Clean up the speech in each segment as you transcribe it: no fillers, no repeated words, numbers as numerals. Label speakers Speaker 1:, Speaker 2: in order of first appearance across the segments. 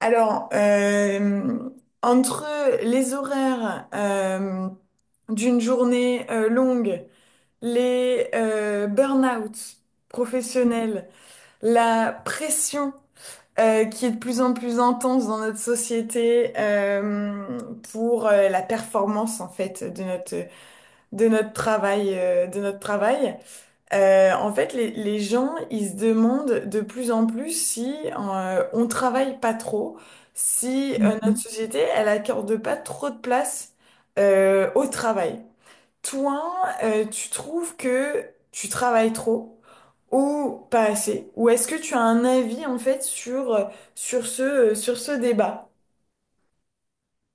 Speaker 1: Alors, euh, entre les horaires d'une journée longue, les burn-out
Speaker 2: Mhm,
Speaker 1: professionnels, la pression qui est de plus en plus intense dans notre société pour la performance en fait de notre travail. Les gens, ils se demandent de plus en plus si on travaille pas trop, si notre
Speaker 2: mhm.
Speaker 1: société, elle accorde pas trop de place au travail. Toi, tu trouves que tu travailles trop ou pas assez? Ou est-ce que tu as un avis en fait sur ce débat?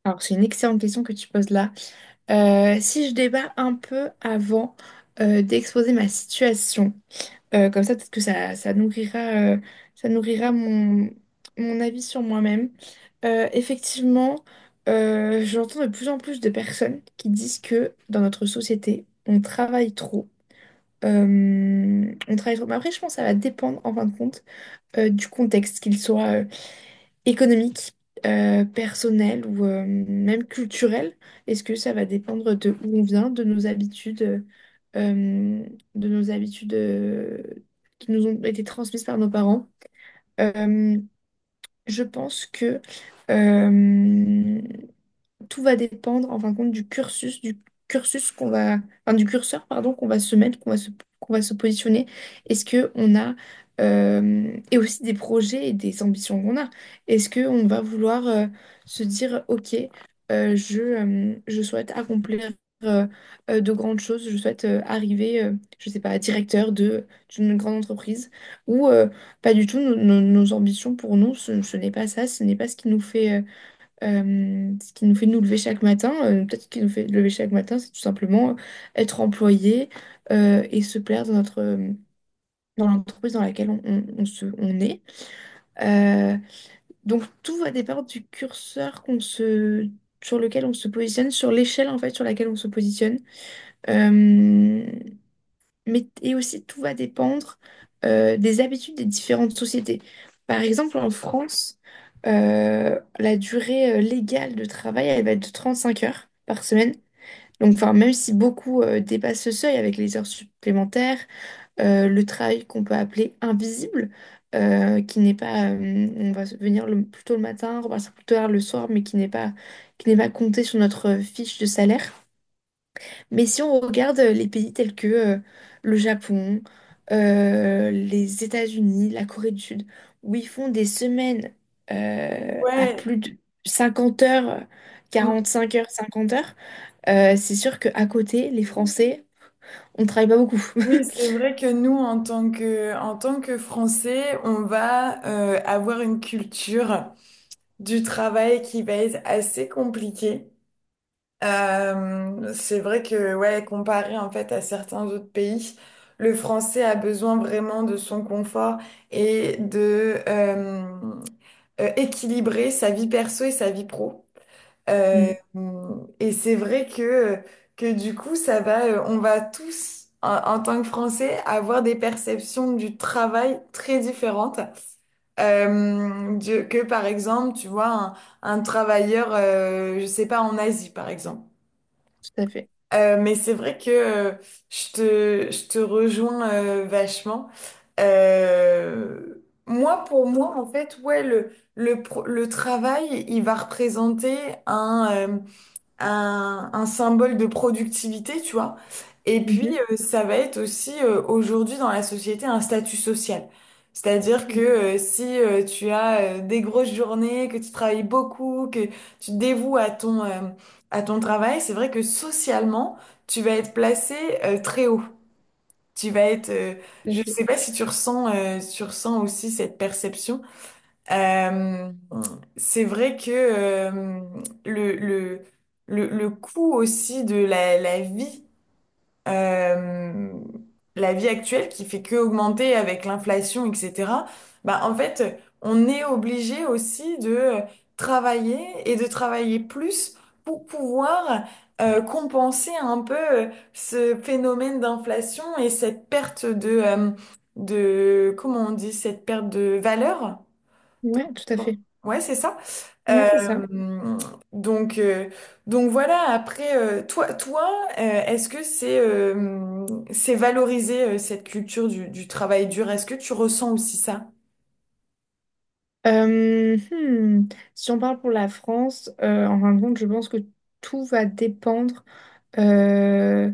Speaker 2: Alors, c'est une excellente question que tu poses là. Si je débat un peu avant d'exposer ma situation, comme ça, peut-être que ça nourrira mon avis sur moi-même. Effectivement, j'entends de plus en plus de personnes qui disent que dans notre société, on travaille trop. On travaille trop. Mais après, je pense que ça va dépendre, en fin de compte, du contexte, qu'il soit économique, personnel ou même culturel? Est-ce que ça va dépendre de où on vient, de nos euh, habitudes qui nous ont été transmises par nos parents? Euh, je pense que euh, tout va dépendre, en fin de compte, du cursus qu'on va, enfin, du curseur, pardon, qu'on va se mettre, qu'on va se positionner. Est-ce que on a, et aussi des projets et des ambitions qu'on a. Est-ce que on va vouloir se dire, ok, je souhaite accomplir euh, de grandes choses, je souhaite arriver, je sais pas, directeur de d'une grande entreprise, ou pas du tout. Nos ambitions pour nous, ce n'est pas ça, ce n'est pas ce qui nous fait ce qui nous fait nous lever chaque matin, peut-être ce qui nous fait lever chaque matin, c'est tout simplement être employé et se plaire dans dans l'entreprise dans laquelle on est. Euh, donc tout va dépendre du curseur sur lequel on se positionne, sur l'échelle en fait sur laquelle on se positionne. Euh, mais, et aussi, tout va dépendre des habitudes des différentes sociétés. Par exemple, en France, la durée légale de travail, elle va être de 35 heures par semaine. Donc, enfin, même si beaucoup dépassent ce seuil avec les heures supplémentaires, le travail qu'on peut appeler invisible, qui n'est pas, on va venir plus tôt le matin, repartir plus tard le soir, mais qui n'est pas compté sur notre fiche de salaire. Mais si on regarde les pays tels que le Japon, les États-Unis, la Corée du Sud, où ils font des semaines à
Speaker 1: Ouais,
Speaker 2: plus de 50 heures,
Speaker 1: mm,
Speaker 2: 45 heures, 50 heures, c'est sûr qu'à côté, les Français, on ne travaille pas beaucoup.
Speaker 1: oui, c'est vrai que nous, en tant que Français, on va avoir une culture. Du travail qui va être assez compliqué. C'est vrai que, ouais, comparé en fait à certains autres pays, le français a besoin vraiment de son confort et de équilibrer sa vie perso et sa vie pro. Euh,
Speaker 2: Mm,
Speaker 1: et c'est vrai que du coup, ça va, on va tous, en tant que Français, avoir des perceptions du travail très différentes. Que par exemple, tu vois, un travailleur, je sais pas, en Asie, par exemple.
Speaker 2: tout à fait.
Speaker 1: Mais c'est vrai que je te rejoins vachement. Moi, pour moi, en fait, ouais, le travail, il va représenter un, un symbole de productivité, tu vois. Et puis,
Speaker 2: Mhm,
Speaker 1: ça va être aussi aujourd'hui dans la société un statut social. C'est-à-dire que
Speaker 2: mm,
Speaker 1: si tu as des grosses journées, que tu travailles beaucoup, que tu te dévoues à à ton travail, c'est vrai que socialement, tu vas être placé très haut. Tu vas être, euh,
Speaker 2: tout à
Speaker 1: je ne
Speaker 2: fait.
Speaker 1: sais pas si tu ressens, tu ressens aussi cette perception. Euh, c'est vrai que le, le, le coût aussi de euh, la vie actuelle qui fait que augmenter avec l'inflation, etc., bah, en fait, on est obligé aussi de travailler et de travailler plus pour pouvoir compenser un peu ce phénomène d'inflation et cette perte de, comment on dit, cette perte de valeur.
Speaker 2: Ouais, tout à fait.
Speaker 1: Ouais, c'est ça.
Speaker 2: Ouais, c'est ça.
Speaker 1: Euh, donc, euh, donc voilà, après, toi est-ce que c'est valorisé cette culture du travail dur? Est-ce que tu ressens aussi ça?
Speaker 2: Euh, hmm, Si on parle pour la France, en fin de compte, je pense que tout va dépendre. euh,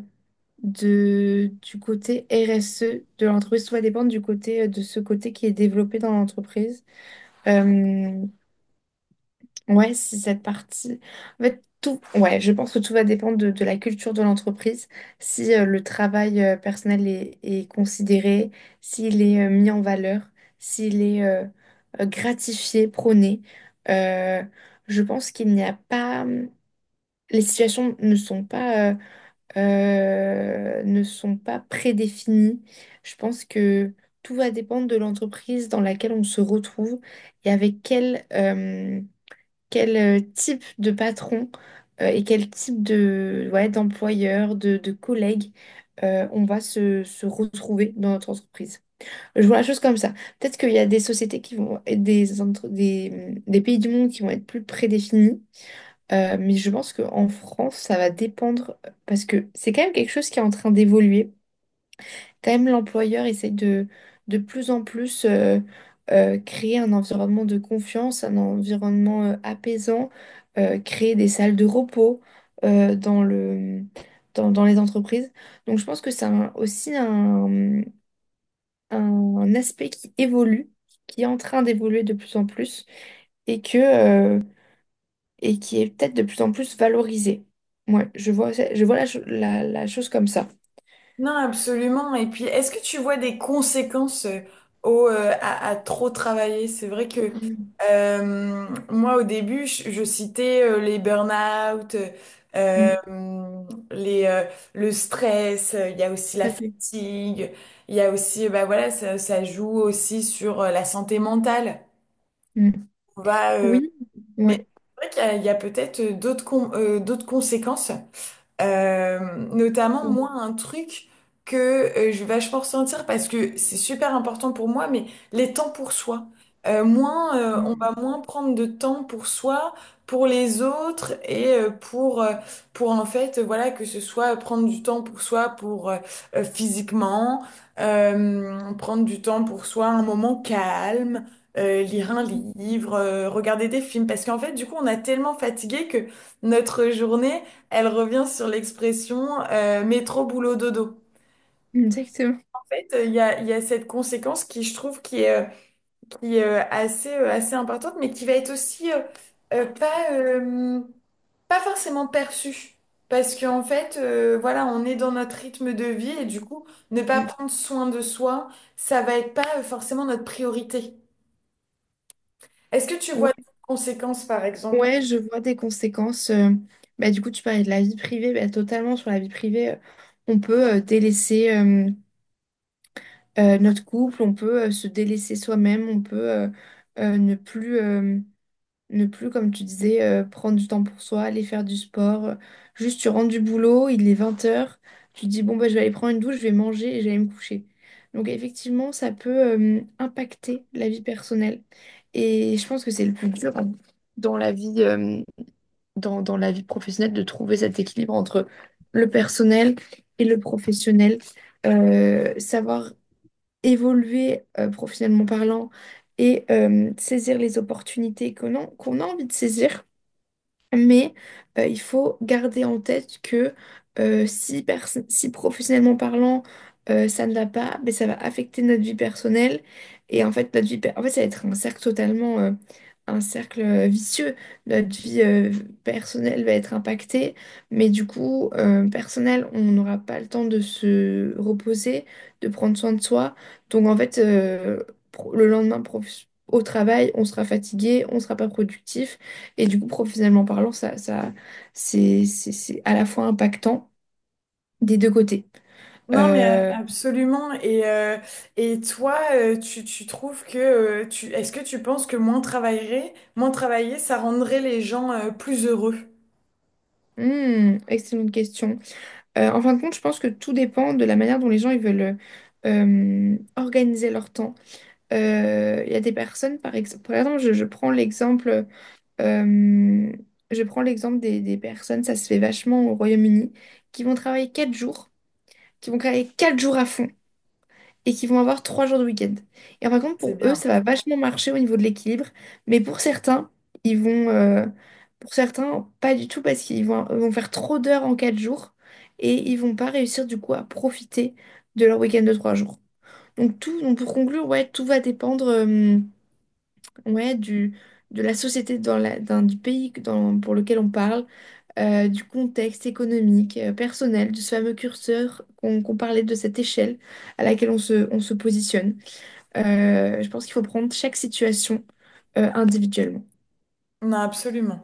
Speaker 2: du côté RSE de l'entreprise. Tout va dépendre du côté, de ce côté qui est développé dans l'entreprise. Euh, ouais, c'est cette partie. En fait, ouais, je pense que tout va dépendre de la culture de l'entreprise. Si le travail personnel est considéré, s'il est mis en valeur, s'il est gratifié, prôné. Euh, je pense qu'il n'y a pas. Les situations ne sont pas prédéfinis. Je pense que tout va dépendre de l'entreprise dans laquelle on se retrouve et avec quel type de patron et quel type de, ouais, d'employeur, de collègue on va se retrouver dans notre entreprise. Je vois la chose comme ça. Peut-être qu'il y a des sociétés qui vont être des pays du monde qui vont être plus prédéfinis mais je pense qu'en France, ça va dépendre parce que c'est quand même quelque chose qui est en train d'évoluer. Quand même, l'employeur essaie de plus en plus créer un environnement de confiance, un environnement apaisant, créer des salles de repos euh, dans le, dans les entreprises. Donc, je pense que c'est aussi un aspect qui évolue, qui est en train d'évoluer de plus en plus et que. Et qui est peut-être de plus en plus valorisée. Moi, je vois la chose comme ça.
Speaker 1: Non, absolument. Et puis, est-ce que tu vois des conséquences à trop travailler? C'est vrai que
Speaker 2: Mm,
Speaker 1: moi, au début, je citais les burn-out, euh,
Speaker 2: mm,
Speaker 1: les, euh, le stress, il y a aussi
Speaker 2: tout
Speaker 1: la
Speaker 2: à fait.
Speaker 1: fatigue, il y a aussi, bah voilà, ça joue aussi sur la santé mentale.
Speaker 2: Mm.
Speaker 1: On va, euh,
Speaker 2: Oui,
Speaker 1: mais
Speaker 2: ouais.
Speaker 1: c'est vrai qu'il y a, il y a peut-être d'autres conséquences. Euh, Notamment, moi, un truc que je vais vachement ressentir parce que c'est super important pour moi, mais les temps pour soi. On
Speaker 2: Mm,
Speaker 1: va moins prendre de temps pour soi, pour les autres et pour en fait, voilà, que ce soit prendre du temps pour soi, pour physiquement, prendre du temps pour soi, un moment calme, lire un livre, regarder des films. Parce qu'en fait, du coup, on a tellement fatigué que notre journée elle revient sur l'expression métro boulot dodo.
Speaker 2: exactement.
Speaker 1: En fait, il y a cette conséquence qui, je trouve, qui est, assez importante, mais qui va être aussi euh, pas, euh, pas forcément perçue. Parce qu'en fait, voilà, on est dans notre rythme de vie et du coup, ne pas
Speaker 2: Mm.
Speaker 1: prendre soin de soi, ça va être pas forcément notre priorité. Est-ce que tu vois
Speaker 2: Ouais,
Speaker 1: des conséquences, par exemple?
Speaker 2: Ouais, je vois des conséquences. Bah, du coup, tu parlais de la vie privée, bah, totalement sur la vie privée. On peut délaisser notre couple, on peut se délaisser soi-même, on peut ne plus. Ne plus, comme tu disais, prendre du temps pour soi, aller faire du sport. Juste, tu rentres du boulot, il est 20 heures, tu te dis, bon, bah, je vais aller prendre une douche, je vais manger et je vais aller me coucher. Donc, effectivement, ça peut impacter la vie personnelle. Et je pense que c'est le plus dur, hein, dans la vie, euh, dans la vie professionnelle, de trouver cet équilibre entre le personnel et le professionnel. Savoir évoluer professionnellement parlant et saisir les opportunités qu'on a, qu'on a envie de saisir. Mais il faut garder en tête que si professionnellement parlant, ça ne va pas, mais ça va affecter notre vie personnelle. Et en fait, en fait, ça va être un cercle totalement, un cercle vicieux. Notre vie personnelle va être impactée, mais du coup, personnel, on n'aura pas le temps de se reposer, de prendre soin de soi. Donc en fait, le lendemain, au travail, on sera fatigué, on ne sera pas productif. Et du coup, professionnellement parlant, c'est à la fois impactant des deux côtés.
Speaker 1: Non, mais
Speaker 2: Euh,
Speaker 1: absolument. Et toi, tu trouves que tu est-ce que tu penses que moins travailler, ça rendrait les gens plus heureux?
Speaker 2: Excellente question. En fin de compte, je pense que tout dépend de la manière dont les gens ils veulent organiser leur temps. Il y a des personnes, par exemple, euh, je prends l'exemple des personnes, ça se fait vachement au Royaume-Uni, qui vont travailler 4 jours, qui vont travailler quatre jours à fond et qui vont avoir 3 jours de week-end. Et par contre,
Speaker 1: C'est
Speaker 2: pour eux,
Speaker 1: bien.
Speaker 2: ça va vachement marcher au niveau de l'équilibre, mais ils vont, euh, pour certains, pas du tout parce qu'ils vont faire trop d'heures en 4 jours et ils vont pas réussir du coup à profiter de leur week-end de 3 jours. Donc pour conclure, ouais, tout va dépendre, ouais, du de la société dans du pays pour lequel on parle, du contexte économique, personnel, de ce fameux curseur qu'on parlait, de cette échelle à laquelle on se positionne. Je pense qu'il faut prendre chaque situation individuellement.
Speaker 1: Non, absolument.